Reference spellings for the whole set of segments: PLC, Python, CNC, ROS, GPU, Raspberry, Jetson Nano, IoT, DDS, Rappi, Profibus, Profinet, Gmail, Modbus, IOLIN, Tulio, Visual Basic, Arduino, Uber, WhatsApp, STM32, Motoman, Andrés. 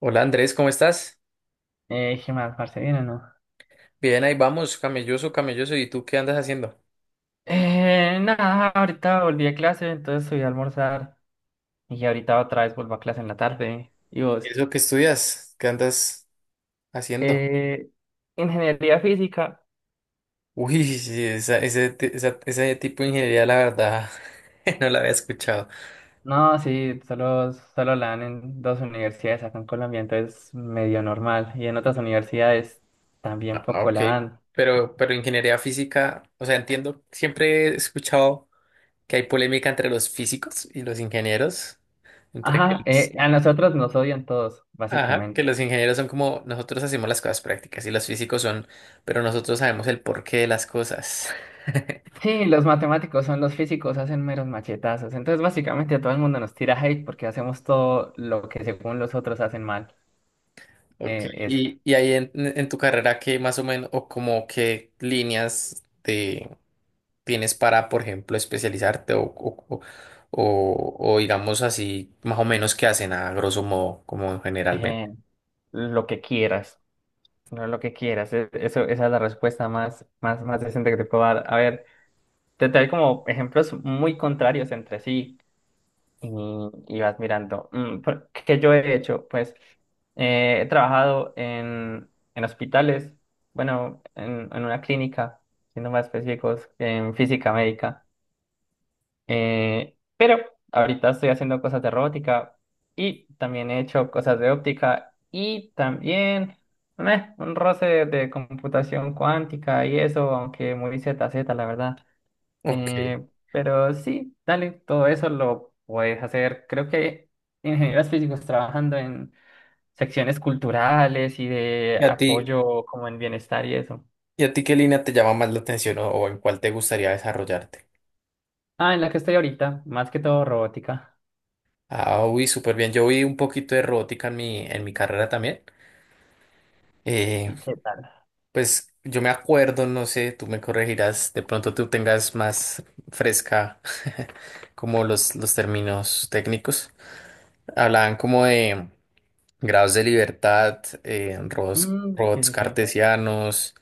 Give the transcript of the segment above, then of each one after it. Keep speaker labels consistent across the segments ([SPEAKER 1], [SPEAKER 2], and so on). [SPEAKER 1] Hola Andrés, ¿cómo estás?
[SPEAKER 2] ¿Qué más, parce? ¿Bien o no?
[SPEAKER 1] Bien, ahí vamos, camelloso, camelloso. ¿Y tú qué andas haciendo?
[SPEAKER 2] Nada, ahorita volví a clase, entonces subí a almorzar y ahorita otra vez vuelvo a clase en la tarde. ¿Y vos?
[SPEAKER 1] ¿Eso que estudias? ¿Qué andas haciendo?
[SPEAKER 2] Eh, Ingeniería física.
[SPEAKER 1] Uy, sí, esa, ese, ti- esa- ese tipo de ingeniería, la verdad, no la había escuchado.
[SPEAKER 2] No, sí, solo la dan en dos universidades acá en Colombia, entonces medio normal. Y en otras universidades también
[SPEAKER 1] Ah,
[SPEAKER 2] poco
[SPEAKER 1] ok.
[SPEAKER 2] la dan.
[SPEAKER 1] Pero ingeniería física, o sea, entiendo, siempre he escuchado que hay polémica entre los físicos y los ingenieros, entre que
[SPEAKER 2] Ajá,
[SPEAKER 1] los,
[SPEAKER 2] a nosotros nos odian todos,
[SPEAKER 1] ajá, que
[SPEAKER 2] básicamente.
[SPEAKER 1] los ingenieros son como nosotros hacemos las cosas prácticas y los físicos son, pero nosotros sabemos el porqué de las cosas.
[SPEAKER 2] Sí, los matemáticos son los físicos, hacen meros machetazos. Entonces, básicamente, todo el mundo nos tira hate porque hacemos todo lo que según los otros hacen mal.
[SPEAKER 1] Ok,
[SPEAKER 2] Eso.
[SPEAKER 1] y, ahí en tu carrera, ¿qué más o menos, o como qué líneas de, tienes para, por ejemplo, especializarte o digamos así, más o menos qué hacen a grosso modo, como generalmente?
[SPEAKER 2] Eh, lo que quieras, no lo que quieras. Eso, esa es la respuesta más decente que te puedo dar. A ver, te traigo como ejemplos muy contrarios entre sí, y, y vas mirando. ¿Qué yo he hecho? Pues he trabajado en hospitales, bueno, en una clínica, siendo más específicos, en física médica. Pero ahorita estoy haciendo cosas de robótica y también he hecho cosas de óptica y también meh, un roce de computación cuántica y eso, aunque muy ZZ, la verdad.
[SPEAKER 1] Ok,
[SPEAKER 2] Eh, pero sí, dale, todo eso lo puedes hacer. Creo que ingenieros físicos trabajando en secciones culturales y de
[SPEAKER 1] ¿y a ti,
[SPEAKER 2] apoyo como en bienestar y eso.
[SPEAKER 1] y a ti qué línea te llama más la atención o en cuál te gustaría desarrollarte?
[SPEAKER 2] Ah, en la que estoy ahorita, más que todo robótica.
[SPEAKER 1] Ah, uy, súper bien, yo vi un poquito de robótica en mi carrera también.
[SPEAKER 2] ¿Y qué tal?
[SPEAKER 1] Pues yo me acuerdo, no sé, tú me corregirás, de pronto tú tengas más fresca como los términos técnicos. Hablaban como de grados de libertad, robots,
[SPEAKER 2] Mm, sí,
[SPEAKER 1] robots
[SPEAKER 2] sí, sí.
[SPEAKER 1] cartesianos,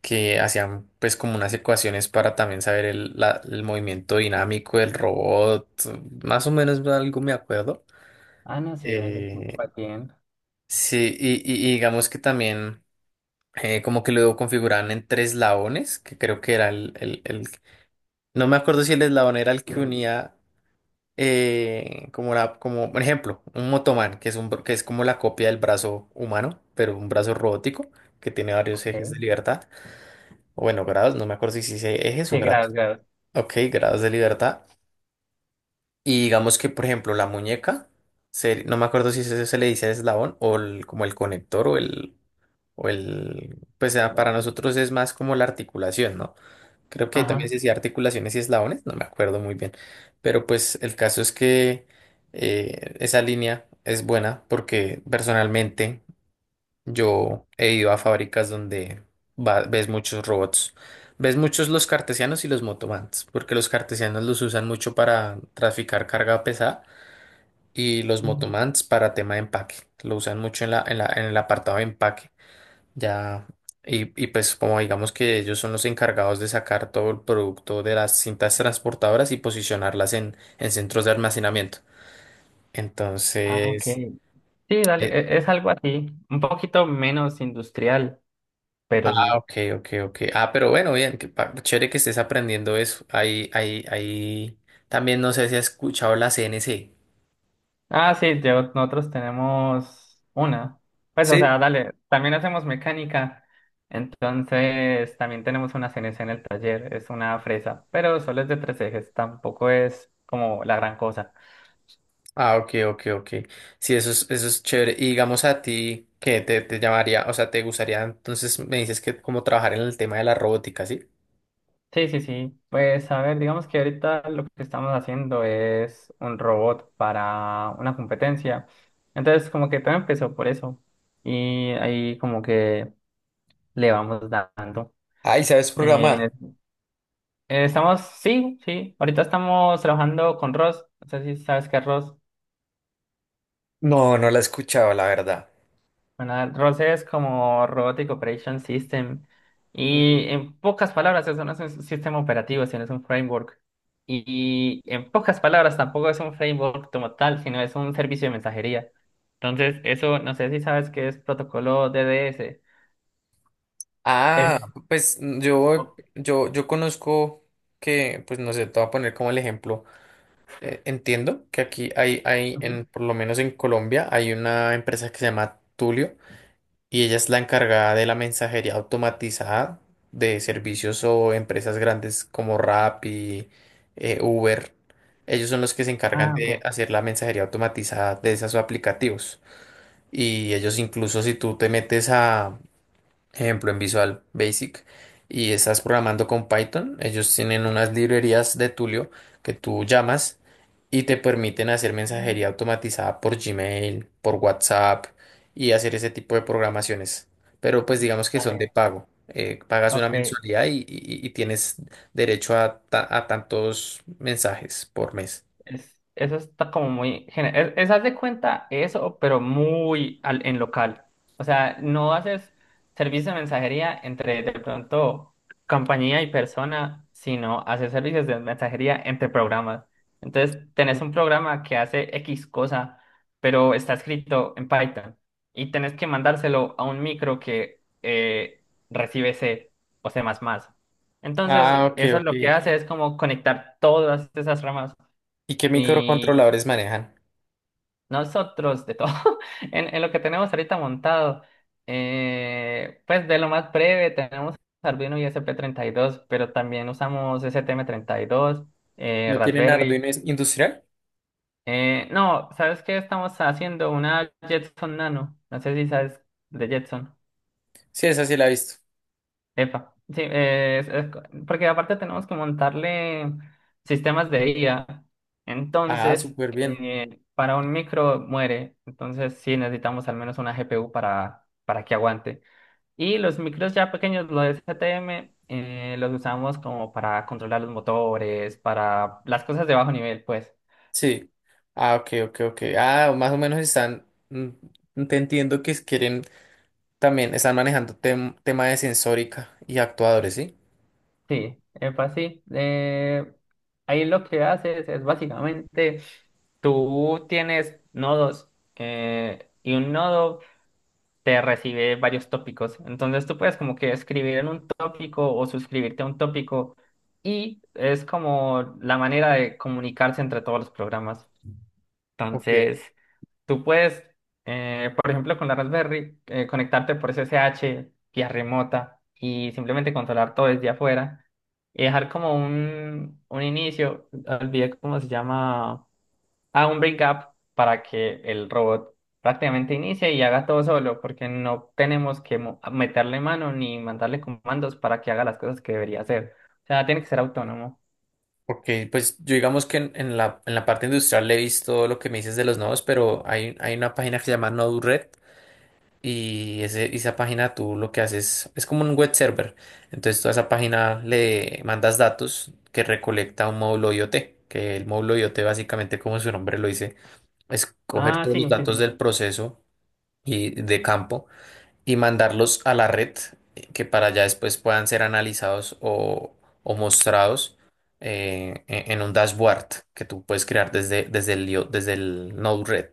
[SPEAKER 1] que hacían pues como unas ecuaciones para también saber el movimiento dinámico del robot, más o menos algo me acuerdo.
[SPEAKER 2] Ah, no, sí, dale,
[SPEAKER 1] Eh,
[SPEAKER 2] va bien.
[SPEAKER 1] sí, y, y digamos que también... como que lo configuraban en tres eslabones, que creo que era no me acuerdo si el eslabón era el que unía, como la, como, por ejemplo, un motoman, que es un, que es como la copia del brazo humano, pero un brazo robótico, que tiene varios ejes de
[SPEAKER 2] Ok.
[SPEAKER 1] libertad, o bueno, grados, no me acuerdo si hice ejes o
[SPEAKER 2] Sí,
[SPEAKER 1] grados.
[SPEAKER 2] grados, grados.
[SPEAKER 1] Ok, grados de libertad. Y digamos que, por ejemplo, la muñeca, no me acuerdo si se le dice eslabón o como el conector o el... O el, pues ah, para nosotros es más como la articulación, ¿no? Creo que ahí también
[SPEAKER 2] Ajá.
[SPEAKER 1] se decía articulaciones y eslabones, no me acuerdo muy bien. Pero pues el caso es que esa línea es buena porque personalmente yo he ido a fábricas donde ves muchos robots. Ves muchos los cartesianos y los motomans, porque los cartesianos los usan mucho para traficar carga pesada y los
[SPEAKER 2] Mm.
[SPEAKER 1] motomans para tema de empaque. Lo usan mucho en el apartado de empaque. Ya, y pues como digamos que ellos son los encargados de sacar todo el producto de las cintas transportadoras y posicionarlas en centros de almacenamiento.
[SPEAKER 2] Ah, ok.
[SPEAKER 1] Entonces,
[SPEAKER 2] Sí, dale,
[SPEAKER 1] eh,
[SPEAKER 2] es algo así, un poquito menos industrial,
[SPEAKER 1] ah,
[SPEAKER 2] pero sí.
[SPEAKER 1] ok, ok, ok. Ah, pero bueno, bien, chévere que estés aprendiendo eso. También no sé si has escuchado la CNC.
[SPEAKER 2] Ah, sí, nosotros tenemos una. Pues, o
[SPEAKER 1] Sí.
[SPEAKER 2] sea, dale, también hacemos mecánica, entonces también tenemos una CNC en el taller, es una fresa, pero solo es de tres ejes, tampoco es como la gran cosa.
[SPEAKER 1] Ah, ok, ok, ok. Sí, eso es chévere. Y digamos a ti, ¿qué te, te llamaría? O sea, ¿te gustaría entonces, me dices que como trabajar en el tema de la robótica, ¿sí?
[SPEAKER 2] Sí, sí, sí, pues a ver, digamos que ahorita lo que estamos haciendo es un robot para una competencia, entonces como que todo empezó por eso y ahí como que le vamos dando.
[SPEAKER 1] Ay, ¿sabes
[SPEAKER 2] Eh,
[SPEAKER 1] programar?
[SPEAKER 2] Estamos, sí, sí. Ahorita estamos trabajando con ROS. No sé si sabes qué es ROS.
[SPEAKER 1] No, no la he escuchado, la verdad.
[SPEAKER 2] Bueno, ROS es como Robotic Operation System. Y
[SPEAKER 1] Mm.
[SPEAKER 2] en pocas palabras, eso no es un sistema operativo, sino es un framework. Y en pocas palabras, tampoco es un framework como tal, sino es un servicio de mensajería. Entonces, eso, no sé si sabes qué es protocolo DDS.
[SPEAKER 1] Ah,
[SPEAKER 2] Es.
[SPEAKER 1] pues mm,
[SPEAKER 2] o-
[SPEAKER 1] yo conozco que, pues no sé, te voy a poner como el ejemplo. Entiendo que aquí hay,
[SPEAKER 2] Ujú.
[SPEAKER 1] por lo menos en Colombia, hay una empresa que se llama Tulio y ella es la encargada de la mensajería automatizada de servicios o empresas grandes como Rappi, Uber. Ellos son los que se encargan
[SPEAKER 2] Ah,
[SPEAKER 1] de
[SPEAKER 2] ok.
[SPEAKER 1] hacer la mensajería automatizada de esos aplicativos. Y ellos incluso si tú te metes a ejemplo, en Visual Basic, y estás programando con Python, ellos tienen unas librerías de Tulio que tú llamas y te permiten hacer
[SPEAKER 2] Mm.
[SPEAKER 1] mensajería automatizada por Gmail, por WhatsApp y hacer ese tipo de programaciones. Pero pues digamos que son de
[SPEAKER 2] Vale,
[SPEAKER 1] pago. Pagas una
[SPEAKER 2] ok.
[SPEAKER 1] mensualidad y tienes derecho a tantos mensajes por mes.
[SPEAKER 2] Eso está como muy... es haz de cuenta eso, pero muy en local. O sea, no haces servicio de mensajería entre de pronto compañía y persona, sino haces servicios de mensajería entre programas. Entonces, tenés
[SPEAKER 1] Mm.
[SPEAKER 2] un programa que hace X cosa, pero está escrito en Python y tenés que mandárselo a un micro que recibe C o C++. Entonces,
[SPEAKER 1] Ah, ok,
[SPEAKER 2] eso
[SPEAKER 1] ok.
[SPEAKER 2] lo que hace es como conectar todas esas ramas
[SPEAKER 1] ¿Y qué
[SPEAKER 2] y
[SPEAKER 1] microcontroladores manejan?
[SPEAKER 2] nosotros, de todo, en lo que tenemos ahorita montado, pues de lo más breve, tenemos Arduino y SP32, pero también usamos STM32,
[SPEAKER 1] ¿No tienen
[SPEAKER 2] Raspberry.
[SPEAKER 1] Arduino industrial?
[SPEAKER 2] No, ¿sabes qué? Estamos haciendo una Jetson Nano. No sé si sabes de Jetson.
[SPEAKER 1] Sí, esa sí la he visto.
[SPEAKER 2] Epa, sí, es porque aparte tenemos que montarle sistemas de IA.
[SPEAKER 1] Ah,
[SPEAKER 2] Entonces,
[SPEAKER 1] súper bien.
[SPEAKER 2] para un micro muere. Entonces, sí, necesitamos al menos una GPU para que aguante. Y los micros ya pequeños, los STM, los usamos como para controlar los motores, para las cosas de bajo nivel, pues.
[SPEAKER 1] Sí. Ah, ok, ok, ok. Ah, más o menos están, mm, te entiendo que quieren también, están manejando tema de sensórica y actuadores, ¿sí?
[SPEAKER 2] Sí, epa, sí. Ahí lo que haces es básicamente tú tienes nodos y un nodo te recibe varios tópicos. Entonces tú puedes como que escribir en un tópico o suscribirte a un tópico y es como la manera de comunicarse entre todos los programas.
[SPEAKER 1] Ok,
[SPEAKER 2] Entonces... Tú puedes, por ejemplo, con la Raspberry, conectarte por SSH, vía remota, y simplemente controlar todo desde afuera. Y dejar como un inicio, olvidé cómo se llama, ah, un breakup para que el robot prácticamente inicie y haga todo solo, porque no tenemos que meterle mano ni mandarle comandos para que haga las cosas que debería hacer. O sea, tiene que ser autónomo.
[SPEAKER 1] ok, pues yo digamos que en la parte industrial le he visto lo que me dices de los nodos, pero hay una página que se llama Node-RED y ese, esa página tú lo que haces es como un web server. Entonces tú a esa página le mandas datos que recolecta un módulo IoT, que el módulo IoT básicamente como su nombre lo dice escoger
[SPEAKER 2] Ah,
[SPEAKER 1] todos
[SPEAKER 2] sí,
[SPEAKER 1] los
[SPEAKER 2] sí, sí.
[SPEAKER 1] datos del proceso y de campo y mandarlos a la red que para allá después puedan ser analizados o mostrados en un dashboard que tú puedes crear desde el Node-RED.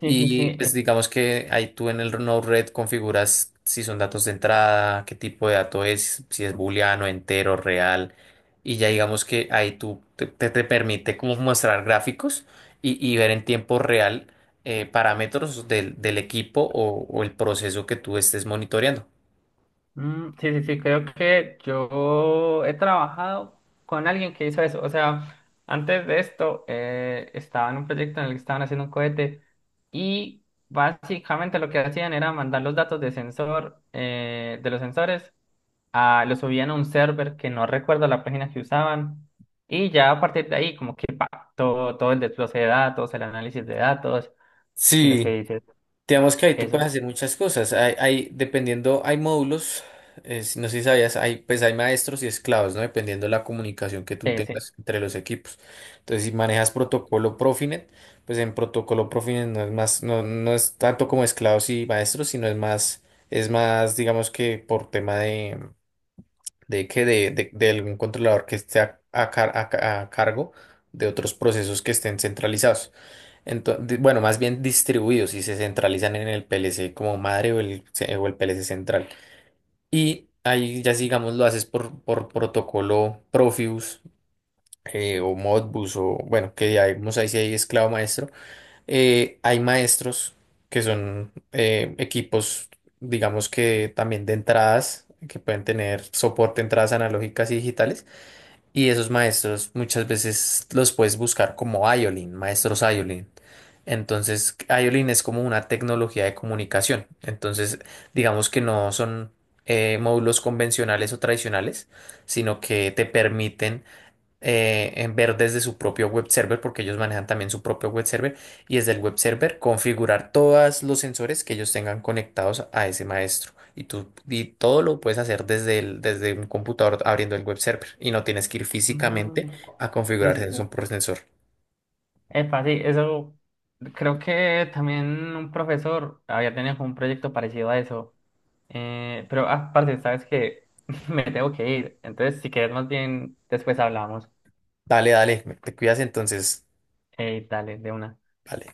[SPEAKER 2] Sí, sí, sí.
[SPEAKER 1] Y pues digamos que ahí tú en el Node-RED configuras si son datos de entrada, qué tipo de dato es, si es booleano, entero, real. Y ya digamos que ahí te permite como mostrar gráficos y ver en tiempo real parámetros del equipo o el proceso que tú estés monitoreando.
[SPEAKER 2] Mm, sí, sí, sí, creo que yo he trabajado con alguien que hizo eso. O sea, antes de esto estaba en un proyecto en el que estaban haciendo un cohete y básicamente lo que hacían era mandar los datos de sensor, de los sensores, a, los subían a un server que no recuerdo la página que usaban y ya a partir de ahí como que pa, todo, todo el desglose de datos, el análisis de datos y lo que
[SPEAKER 1] Sí,
[SPEAKER 2] dices,
[SPEAKER 1] digamos que ahí tú puedes
[SPEAKER 2] eso.
[SPEAKER 1] hacer muchas cosas. Dependiendo, hay módulos, no sé si sabías, hay, pues hay maestros y esclavos, ¿no? Dependiendo de la comunicación que tú
[SPEAKER 2] Sí, sí.
[SPEAKER 1] tengas entre los equipos. Entonces, si manejas protocolo Profinet, pues en protocolo Profinet no es más, no, no es tanto como esclavos y maestros, sino es más, digamos que por tema de algún controlador que esté a cargo de otros procesos que estén centralizados. Entonces, bueno, más bien distribuidos y se centralizan en el PLC como madre o o el PLC central. Y ahí ya digamos lo haces por protocolo Profibus o Modbus o bueno, que ya vemos ahí si hay esclavo maestro, hay maestros que son equipos, digamos que también de entradas, que pueden tener soporte de entradas analógicas y digitales. Y esos maestros muchas veces los puedes buscar como IOLIN, maestros IOLIN. Entonces, IOLIN es como una tecnología de comunicación. Entonces, digamos que no son módulos convencionales o tradicionales, sino que te permiten en ver desde su propio web server, porque ellos manejan también su propio web server, y desde el web server configurar todos los sensores que ellos tengan conectados a ese maestro. Y tú, y todo lo puedes hacer desde desde un computador abriendo el web server y no tienes que ir
[SPEAKER 2] Mm.
[SPEAKER 1] físicamente a
[SPEAKER 2] Sí,
[SPEAKER 1] configurar
[SPEAKER 2] sí, sí.
[SPEAKER 1] sensor por sensor.
[SPEAKER 2] Epa, sí, eso creo que también un profesor había tenido como un proyecto parecido a eso. Pero aparte, sabes que me tengo que ir. Entonces, si quieres, más bien después hablamos.
[SPEAKER 1] Dale, dale, te cuidas entonces.
[SPEAKER 2] Dale, de una.
[SPEAKER 1] Vale.